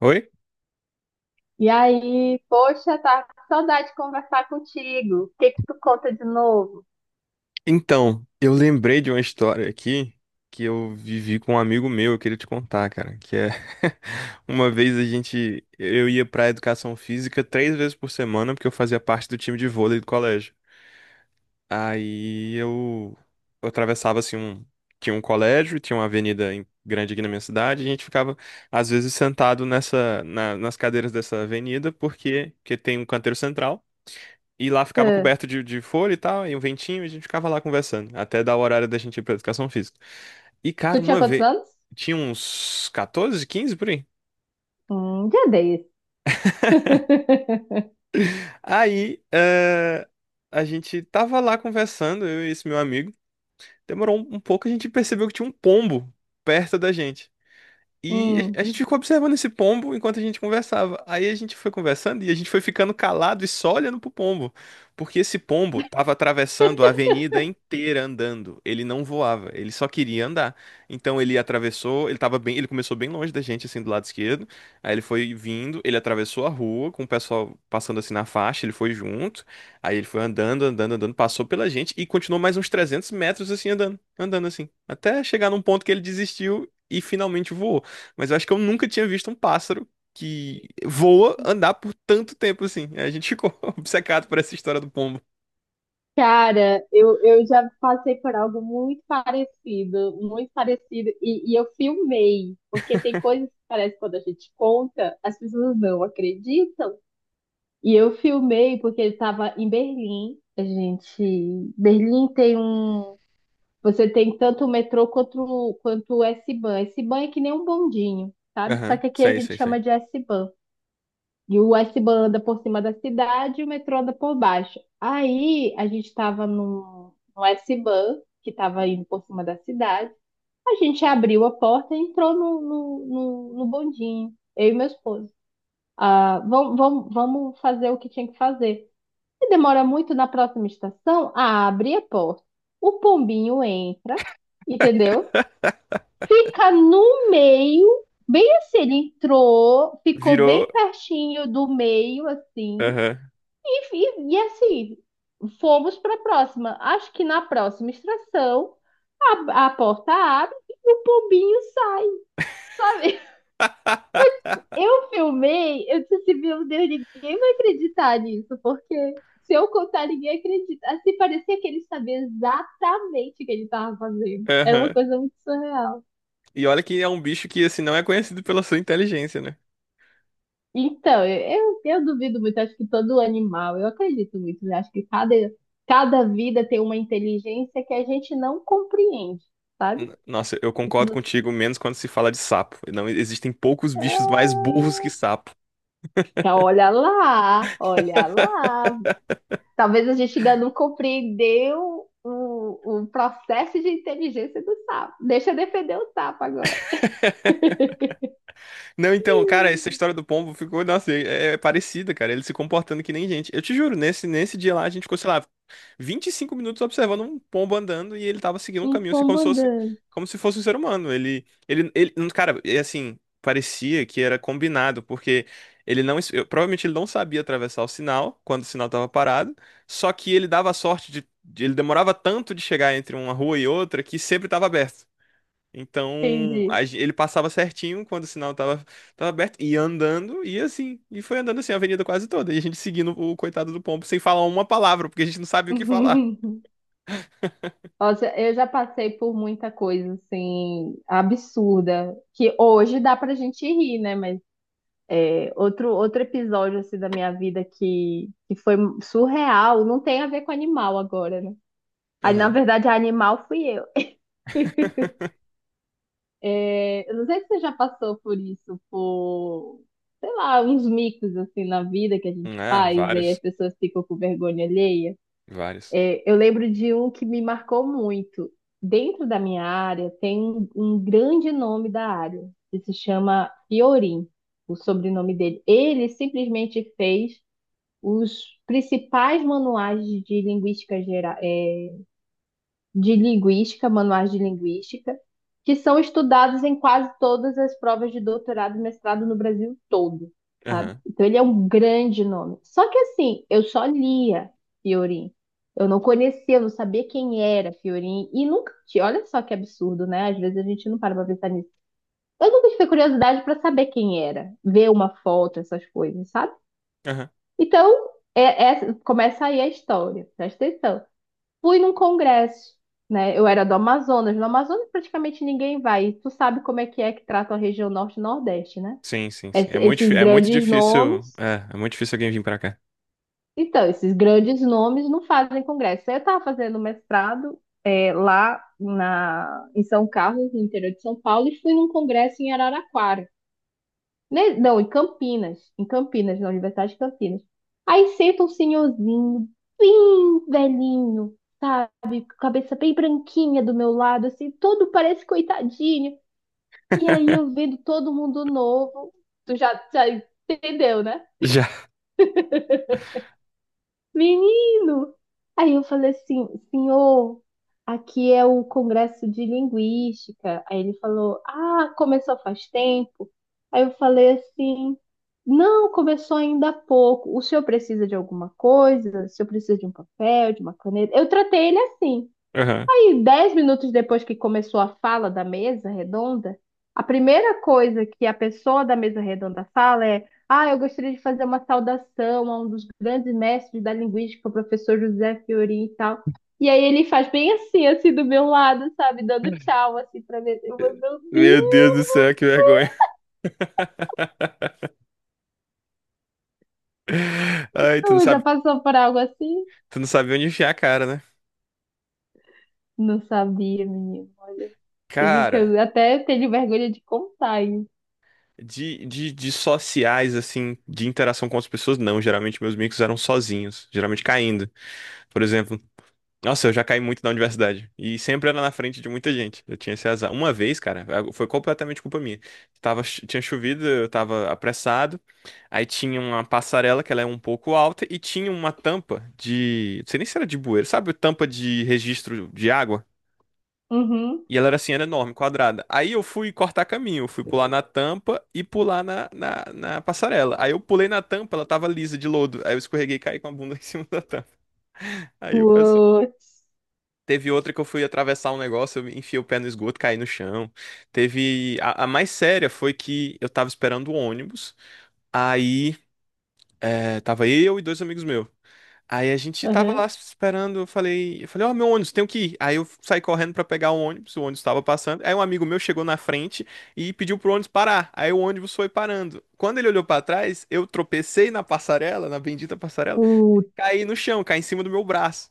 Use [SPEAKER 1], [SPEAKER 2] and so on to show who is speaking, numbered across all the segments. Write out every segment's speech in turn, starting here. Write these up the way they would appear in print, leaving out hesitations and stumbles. [SPEAKER 1] Oi?
[SPEAKER 2] E aí, poxa, tá com saudade de conversar contigo. O que que tu conta de novo?
[SPEAKER 1] Então, eu lembrei de uma história aqui que eu vivi com um amigo meu. Eu queria te contar, cara, que é uma vez a gente eu ia pra educação física três vezes por semana, porque eu fazia parte do time de vôlei do colégio. Aí eu atravessava assim tinha um colégio, tinha uma avenida grande aqui na minha cidade, e a gente ficava às vezes sentado nas cadeiras dessa avenida, porque que tem um canteiro central. E lá ficava
[SPEAKER 2] Ah,
[SPEAKER 1] coberto de folha e tal, e um ventinho, e a gente ficava lá conversando, até dar o horário da gente ir pra educação física. E, cara,
[SPEAKER 2] tu tinha
[SPEAKER 1] uma
[SPEAKER 2] quantos
[SPEAKER 1] vez.
[SPEAKER 2] anos?
[SPEAKER 1] Tinha uns 14, 15 por aí.
[SPEAKER 2] Um dia desse.
[SPEAKER 1] Aí, a gente tava lá conversando, eu e esse meu amigo. Demorou um pouco, a gente percebeu que tinha um pombo perto da gente. E
[SPEAKER 2] Hum.
[SPEAKER 1] a gente ficou observando esse pombo enquanto a gente conversava. Aí a gente foi conversando e a gente foi ficando calado e só olhando pro pombo, porque esse pombo tava atravessando a avenida inteira andando. Ele não voava, ele só queria andar. Então ele atravessou, ele tava bem, ele começou bem longe da gente, assim, do lado esquerdo. Aí ele foi vindo, ele atravessou a rua com o pessoal passando assim na faixa, ele foi junto. Aí ele foi andando, andando, andando, passou pela gente e continuou mais uns 300 metros assim andando, andando assim, até chegar num ponto que ele desistiu e finalmente voou. Mas eu acho que eu nunca tinha visto um pássaro que voa andar por tanto tempo assim. A gente ficou obcecado por essa história do pombo.
[SPEAKER 2] Cara, eu já passei por algo muito parecido, e eu filmei, porque tem coisas que parece que quando a gente conta, as pessoas não acreditam. E eu filmei porque ele estava em Berlim. A gente, Berlim tem um... Você tem tanto o metrô quanto, quanto o S-Bahn. S-Bahn é que nem um bondinho, sabe? Só
[SPEAKER 1] Aham,
[SPEAKER 2] que aqui a
[SPEAKER 1] sei,
[SPEAKER 2] gente
[SPEAKER 1] sei, sei.
[SPEAKER 2] chama de S-Bahn. E o S-Bahn anda por cima da cidade e o metrô anda por baixo. Aí a gente estava no S-Bahn, que estava indo por cima da cidade. A gente abriu a porta e entrou no bondinho, eu e meu esposo. Ah, vamos fazer o que tinha que fazer. Se demora muito na próxima estação, abre a porta. O pombinho entra, entendeu? Fica no meio, bem assim, ele entrou, ficou
[SPEAKER 1] Virou.
[SPEAKER 2] bem pertinho do meio, assim,
[SPEAKER 1] Aham,
[SPEAKER 2] e, e assim, fomos para a próxima. Acho que na próxima extração a porta abre e o pombinho sai, sabe? Eu filmei, eu disse assim, meu Deus, ninguém vai acreditar nisso, porque se eu contar, ninguém acredita. Assim, parecia que ele sabia exatamente o que ele estava fazendo. Era uma
[SPEAKER 1] aham.
[SPEAKER 2] coisa muito surreal.
[SPEAKER 1] E olha que é um bicho que, assim, não é conhecido pela sua inteligência, né?
[SPEAKER 2] Então, eu duvido muito, acho que todo animal, eu acredito muito, né? Acho que cada, cada vida tem uma inteligência que a gente não compreende, sabe?
[SPEAKER 1] Nossa, eu
[SPEAKER 2] Isso
[SPEAKER 1] concordo
[SPEAKER 2] não...
[SPEAKER 1] contigo, menos quando se fala de sapo. Não existem poucos bichos mais burros que sapo.
[SPEAKER 2] Então, olha lá, olha lá. Talvez a gente ainda não compreendeu o processo de inteligência do sapo. Deixa eu defender o sapo agora.
[SPEAKER 1] Não, então, cara, essa história do pombo ficou, nossa, é parecida, cara. Ele se comportando que nem gente. Eu te juro, nesse dia lá, a gente ficou, sei lá, 25 minutos observando um pombo andando e ele tava seguindo um
[SPEAKER 2] Um
[SPEAKER 1] caminho, assim,
[SPEAKER 2] pombo andando,
[SPEAKER 1] como se fosse um ser humano. Ele, cara, é assim, parecia que era combinado, porque ele não, provavelmente ele não sabia atravessar o sinal quando o sinal tava parado, só que ele dava a sorte ele demorava tanto de chegar entre uma rua e outra que sempre tava aberto. Então,
[SPEAKER 2] entendi.
[SPEAKER 1] ele passava certinho quando o sinal tava aberto, ia andando, e assim, e foi andando assim a avenida quase toda, e a gente seguindo o coitado do pombo sem falar uma palavra, porque a gente não sabia o que falar.
[SPEAKER 2] Nossa, eu já passei por muita coisa assim absurda que hoje dá pra gente rir, né? Mas é, outro episódio assim da minha vida que foi surreal, não tem a ver com animal agora, né? Aí na
[SPEAKER 1] Aham.
[SPEAKER 2] verdade animal fui eu. É, eu não sei se você já passou por isso, por sei lá, uns micos assim na vida que a gente
[SPEAKER 1] Ah,
[SPEAKER 2] faz, aí as
[SPEAKER 1] vários.
[SPEAKER 2] pessoas ficam com vergonha alheia.
[SPEAKER 1] Vários.
[SPEAKER 2] É, eu lembro de um que me marcou muito. Dentro da minha área, tem um grande nome da área, que se chama Fiorin, o sobrenome dele. Ele simplesmente fez os principais manuais de linguística geral, de linguística, manuais de linguística, que são estudados em quase todas as provas de doutorado e mestrado no Brasil todo, sabe?
[SPEAKER 1] Aham.
[SPEAKER 2] Então ele é um grande nome. Só que assim, eu só lia Fiorin. Eu não conhecia, eu não sabia quem era Fiorin e nunca tinha. Olha só que absurdo, né? Às vezes a gente não para pra pensar nisso. Eu nunca tive curiosidade para saber quem era, ver uma foto, essas coisas, sabe?
[SPEAKER 1] Aham.
[SPEAKER 2] Então, começa aí a história, presta atenção. Fui num congresso, né? Eu era do Amazonas. No Amazonas praticamente ninguém vai. E tu sabe como é que trata a região norte e nordeste, né?
[SPEAKER 1] Sim, sim, sim.
[SPEAKER 2] Esses
[SPEAKER 1] É muito
[SPEAKER 2] grandes
[SPEAKER 1] difícil.
[SPEAKER 2] nomes.
[SPEAKER 1] É, é muito difícil alguém vir pra cá.
[SPEAKER 2] Então, esses grandes nomes não fazem congresso. Eu estava fazendo mestrado é, lá na, em São Carlos, no interior de São Paulo, e fui num congresso em Araraquara. Não, em Campinas. Em Campinas, na Universidade de Campinas. Aí senta um senhorzinho, bem velhinho, sabe? Cabeça bem branquinha do meu lado, assim, todo parece coitadinho. E aí eu vendo todo mundo novo, tu já, já entendeu, né?
[SPEAKER 1] Já.
[SPEAKER 2] Menino! Aí eu falei assim, senhor, aqui é o Congresso de Linguística. Aí ele falou, ah, começou faz tempo. Aí eu falei assim, não, começou ainda há pouco. O senhor precisa de alguma coisa? O senhor precisa de um papel, de uma caneta? Eu tratei ele assim.
[SPEAKER 1] Aham.
[SPEAKER 2] E 10 minutos depois que começou a fala da mesa redonda, a primeira coisa que a pessoa da mesa redonda fala é: Ah, eu gostaria de fazer uma saudação a um dos grandes mestres da linguística, o professor José Fiorin e tal. E aí ele faz bem assim, assim, do meu lado, sabe? Dando tchau, assim, pra mim. Eu vou, meu
[SPEAKER 1] Meu Deus do céu, que vergonha. Ai,
[SPEAKER 2] Deus, já passou por algo assim?
[SPEAKER 1] tu não sabe onde enfiar a cara, né?
[SPEAKER 2] Não sabia, menino. Olha, digo que
[SPEAKER 1] Cara,
[SPEAKER 2] eu até tenho vergonha de contar isso.
[SPEAKER 1] de sociais, assim, de interação com as pessoas, não. Geralmente meus micos eram sozinhos, geralmente caindo. Por exemplo, nossa, eu já caí muito na universidade. E sempre era na frente de muita gente. Eu tinha esse azar. Uma vez, cara, foi completamente culpa minha. Tinha chovido, eu tava apressado. Aí tinha uma passarela que ela é um pouco alta e tinha uma tampa de. Não sei nem se era de bueiro, sabe? Tampa de registro de água.
[SPEAKER 2] Uhum.
[SPEAKER 1] E ela era assim, era enorme, quadrada. Aí eu fui cortar caminho, eu fui pular na tampa e pular na passarela. Aí eu pulei na tampa, ela tava lisa de lodo. Aí eu escorreguei e caí com a bunda em cima da tampa. Aí o pessoal.
[SPEAKER 2] Putz.
[SPEAKER 1] Teve outra que eu fui atravessar um negócio, eu enfiei o pé no esgoto, caí no chão. Teve. A mais séria foi que eu tava esperando o ônibus. Aí, tava eu e dois amigos meus. Aí a gente tava
[SPEAKER 2] Uhum.
[SPEAKER 1] lá esperando, eu falei, ó, meu ônibus, tenho que ir. Aí eu saí correndo pra pegar o ônibus tava passando. Aí um amigo meu chegou na frente e pediu pro ônibus parar. Aí o ônibus foi parando. Quando ele olhou pra trás, eu tropecei na passarela, na bendita passarela,
[SPEAKER 2] Putz,
[SPEAKER 1] caí no chão, caí em cima do meu braço.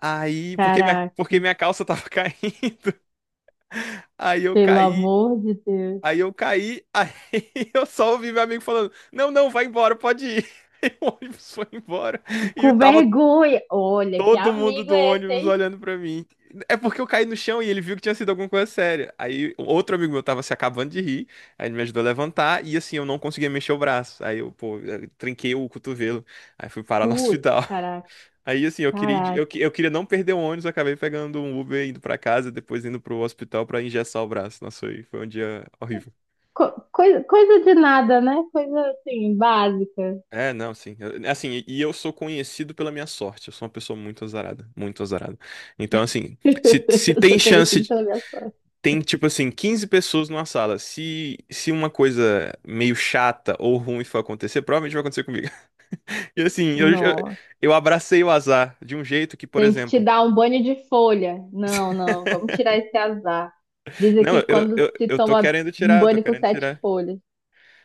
[SPEAKER 1] Aí,
[SPEAKER 2] caraca.
[SPEAKER 1] porque minha calça tava caindo. Aí eu
[SPEAKER 2] Pelo
[SPEAKER 1] caí,
[SPEAKER 2] amor de Deus.
[SPEAKER 1] aí eu caí, aí eu só ouvi meu amigo falando: não, não, vai embora, pode ir. E o ônibus foi embora. E
[SPEAKER 2] Com
[SPEAKER 1] tava
[SPEAKER 2] vergonha. Olha, que
[SPEAKER 1] todo mundo
[SPEAKER 2] amigo
[SPEAKER 1] do
[SPEAKER 2] é esse,
[SPEAKER 1] ônibus
[SPEAKER 2] hein?
[SPEAKER 1] olhando pra mim. É porque eu caí no chão e ele viu que tinha sido alguma coisa séria. Aí outro amigo meu tava se acabando de rir, aí ele me ajudou a levantar e assim eu não conseguia mexer o braço. Aí eu, pô, eu trinquei o cotovelo, aí fui parar no
[SPEAKER 2] Putz,
[SPEAKER 1] hospital.
[SPEAKER 2] caraca,
[SPEAKER 1] Aí assim, eu queria,
[SPEAKER 2] caraca.
[SPEAKER 1] eu, eu queria não perder o ônibus, eu acabei pegando um Uber indo pra casa, depois indo pro hospital pra engessar o braço. Nossa, foi, foi um dia horrível.
[SPEAKER 2] Coisa, coisa de nada, né? Coisa assim, básica.
[SPEAKER 1] É, não, sim. Assim, e eu sou conhecido pela minha sorte. Eu sou uma pessoa muito azarada, muito azarada. Então, assim, se
[SPEAKER 2] Eu
[SPEAKER 1] tem
[SPEAKER 2] sou
[SPEAKER 1] chance,
[SPEAKER 2] conhecida pela minha sorte.
[SPEAKER 1] tem tipo assim, 15 pessoas numa sala. Se uma coisa meio chata ou ruim for acontecer, provavelmente vai acontecer comigo. E assim, eu,
[SPEAKER 2] Nossa,
[SPEAKER 1] eu abracei o azar de um jeito que, por
[SPEAKER 2] tem que te
[SPEAKER 1] exemplo.
[SPEAKER 2] dar um banho de folha. Não, não, vamos tirar esse azar. Diz
[SPEAKER 1] Não,
[SPEAKER 2] aqui que
[SPEAKER 1] eu,
[SPEAKER 2] quando
[SPEAKER 1] eu,
[SPEAKER 2] se
[SPEAKER 1] eu tô
[SPEAKER 2] toma
[SPEAKER 1] querendo
[SPEAKER 2] um
[SPEAKER 1] tirar, eu tô
[SPEAKER 2] banho com
[SPEAKER 1] querendo
[SPEAKER 2] sete
[SPEAKER 1] tirar.
[SPEAKER 2] folhas.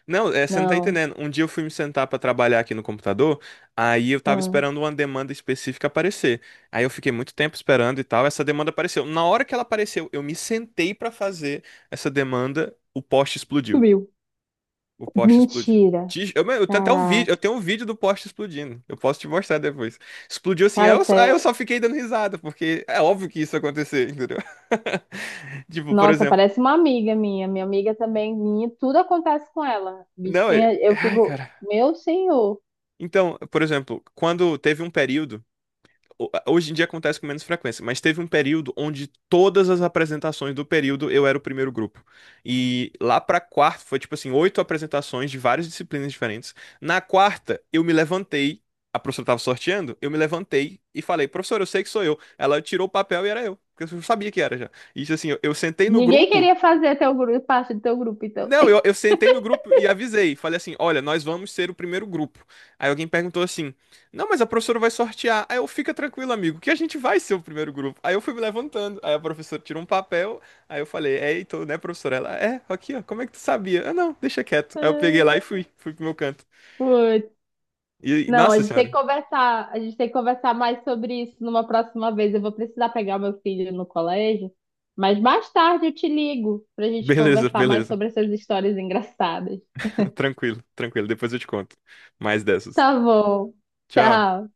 [SPEAKER 1] Não, é, você não tá
[SPEAKER 2] Não,
[SPEAKER 1] entendendo. Um dia eu fui me sentar pra trabalhar aqui no computador, aí eu tava
[SPEAKER 2] ah,
[SPEAKER 1] esperando uma demanda específica aparecer. Aí eu fiquei muito tempo esperando e tal, essa demanda apareceu. Na hora que ela apareceu, eu me sentei pra fazer essa demanda, o poste explodiu.
[SPEAKER 2] sumiu.
[SPEAKER 1] O poste explodiu.
[SPEAKER 2] Mentira.
[SPEAKER 1] Eu tenho até o
[SPEAKER 2] Caraca,
[SPEAKER 1] vídeo, eu tenho um vídeo do poste explodindo. Eu posso te mostrar depois. Explodiu assim,
[SPEAKER 2] cara,
[SPEAKER 1] aí eu
[SPEAKER 2] tá...
[SPEAKER 1] só fiquei dando risada, porque é óbvio que isso ia acontecer, entendeu? Tipo, por
[SPEAKER 2] Nossa,
[SPEAKER 1] exemplo,
[SPEAKER 2] parece uma amiga minha. Minha amiga também, minha, tudo acontece com ela.
[SPEAKER 1] não,
[SPEAKER 2] Bichinha, eu
[SPEAKER 1] ai,
[SPEAKER 2] fico,
[SPEAKER 1] cara.
[SPEAKER 2] meu senhor.
[SPEAKER 1] Então, por exemplo, quando teve um período, hoje em dia acontece com menos frequência, mas teve um período onde todas as apresentações do período eu era o primeiro grupo. E lá pra quarta foi tipo assim, oito apresentações de várias disciplinas diferentes. Na quarta, eu me levantei, a professora tava sorteando, eu me levantei e falei, professora, eu sei que sou eu. Ela tirou o papel e era eu, porque eu sabia que era já. E isso assim, eu sentei no
[SPEAKER 2] Ninguém
[SPEAKER 1] grupo.
[SPEAKER 2] queria fazer teu grupo, parte do teu grupo, então.
[SPEAKER 1] Não, eu sentei no grupo e avisei. Falei assim: olha, nós vamos ser o primeiro grupo. Aí alguém perguntou assim: não, mas a professora vai sortear. Aí eu, fica tranquilo, amigo, que a gente vai ser o primeiro grupo. Aí eu fui me levantando. Aí a professora tirou um papel. Aí eu falei: é, então, né, professora? Ela, é, aqui, ó, como é que tu sabia? Eu, não, deixa quieto. Aí eu peguei lá e fui, fui pro meu canto.
[SPEAKER 2] Putz,
[SPEAKER 1] E,
[SPEAKER 2] não, a
[SPEAKER 1] nossa
[SPEAKER 2] gente tem que
[SPEAKER 1] senhora,
[SPEAKER 2] conversar, a gente tem que conversar mais sobre isso numa próxima vez. Eu vou precisar pegar meu filho no colégio, mas mais tarde eu te ligo pra gente
[SPEAKER 1] beleza,
[SPEAKER 2] conversar mais
[SPEAKER 1] beleza.
[SPEAKER 2] sobre essas histórias engraçadas.
[SPEAKER 1] Tranquilo, tranquilo. Depois eu te conto mais dessas.
[SPEAKER 2] Tá bom.
[SPEAKER 1] Tchau.
[SPEAKER 2] Tchau.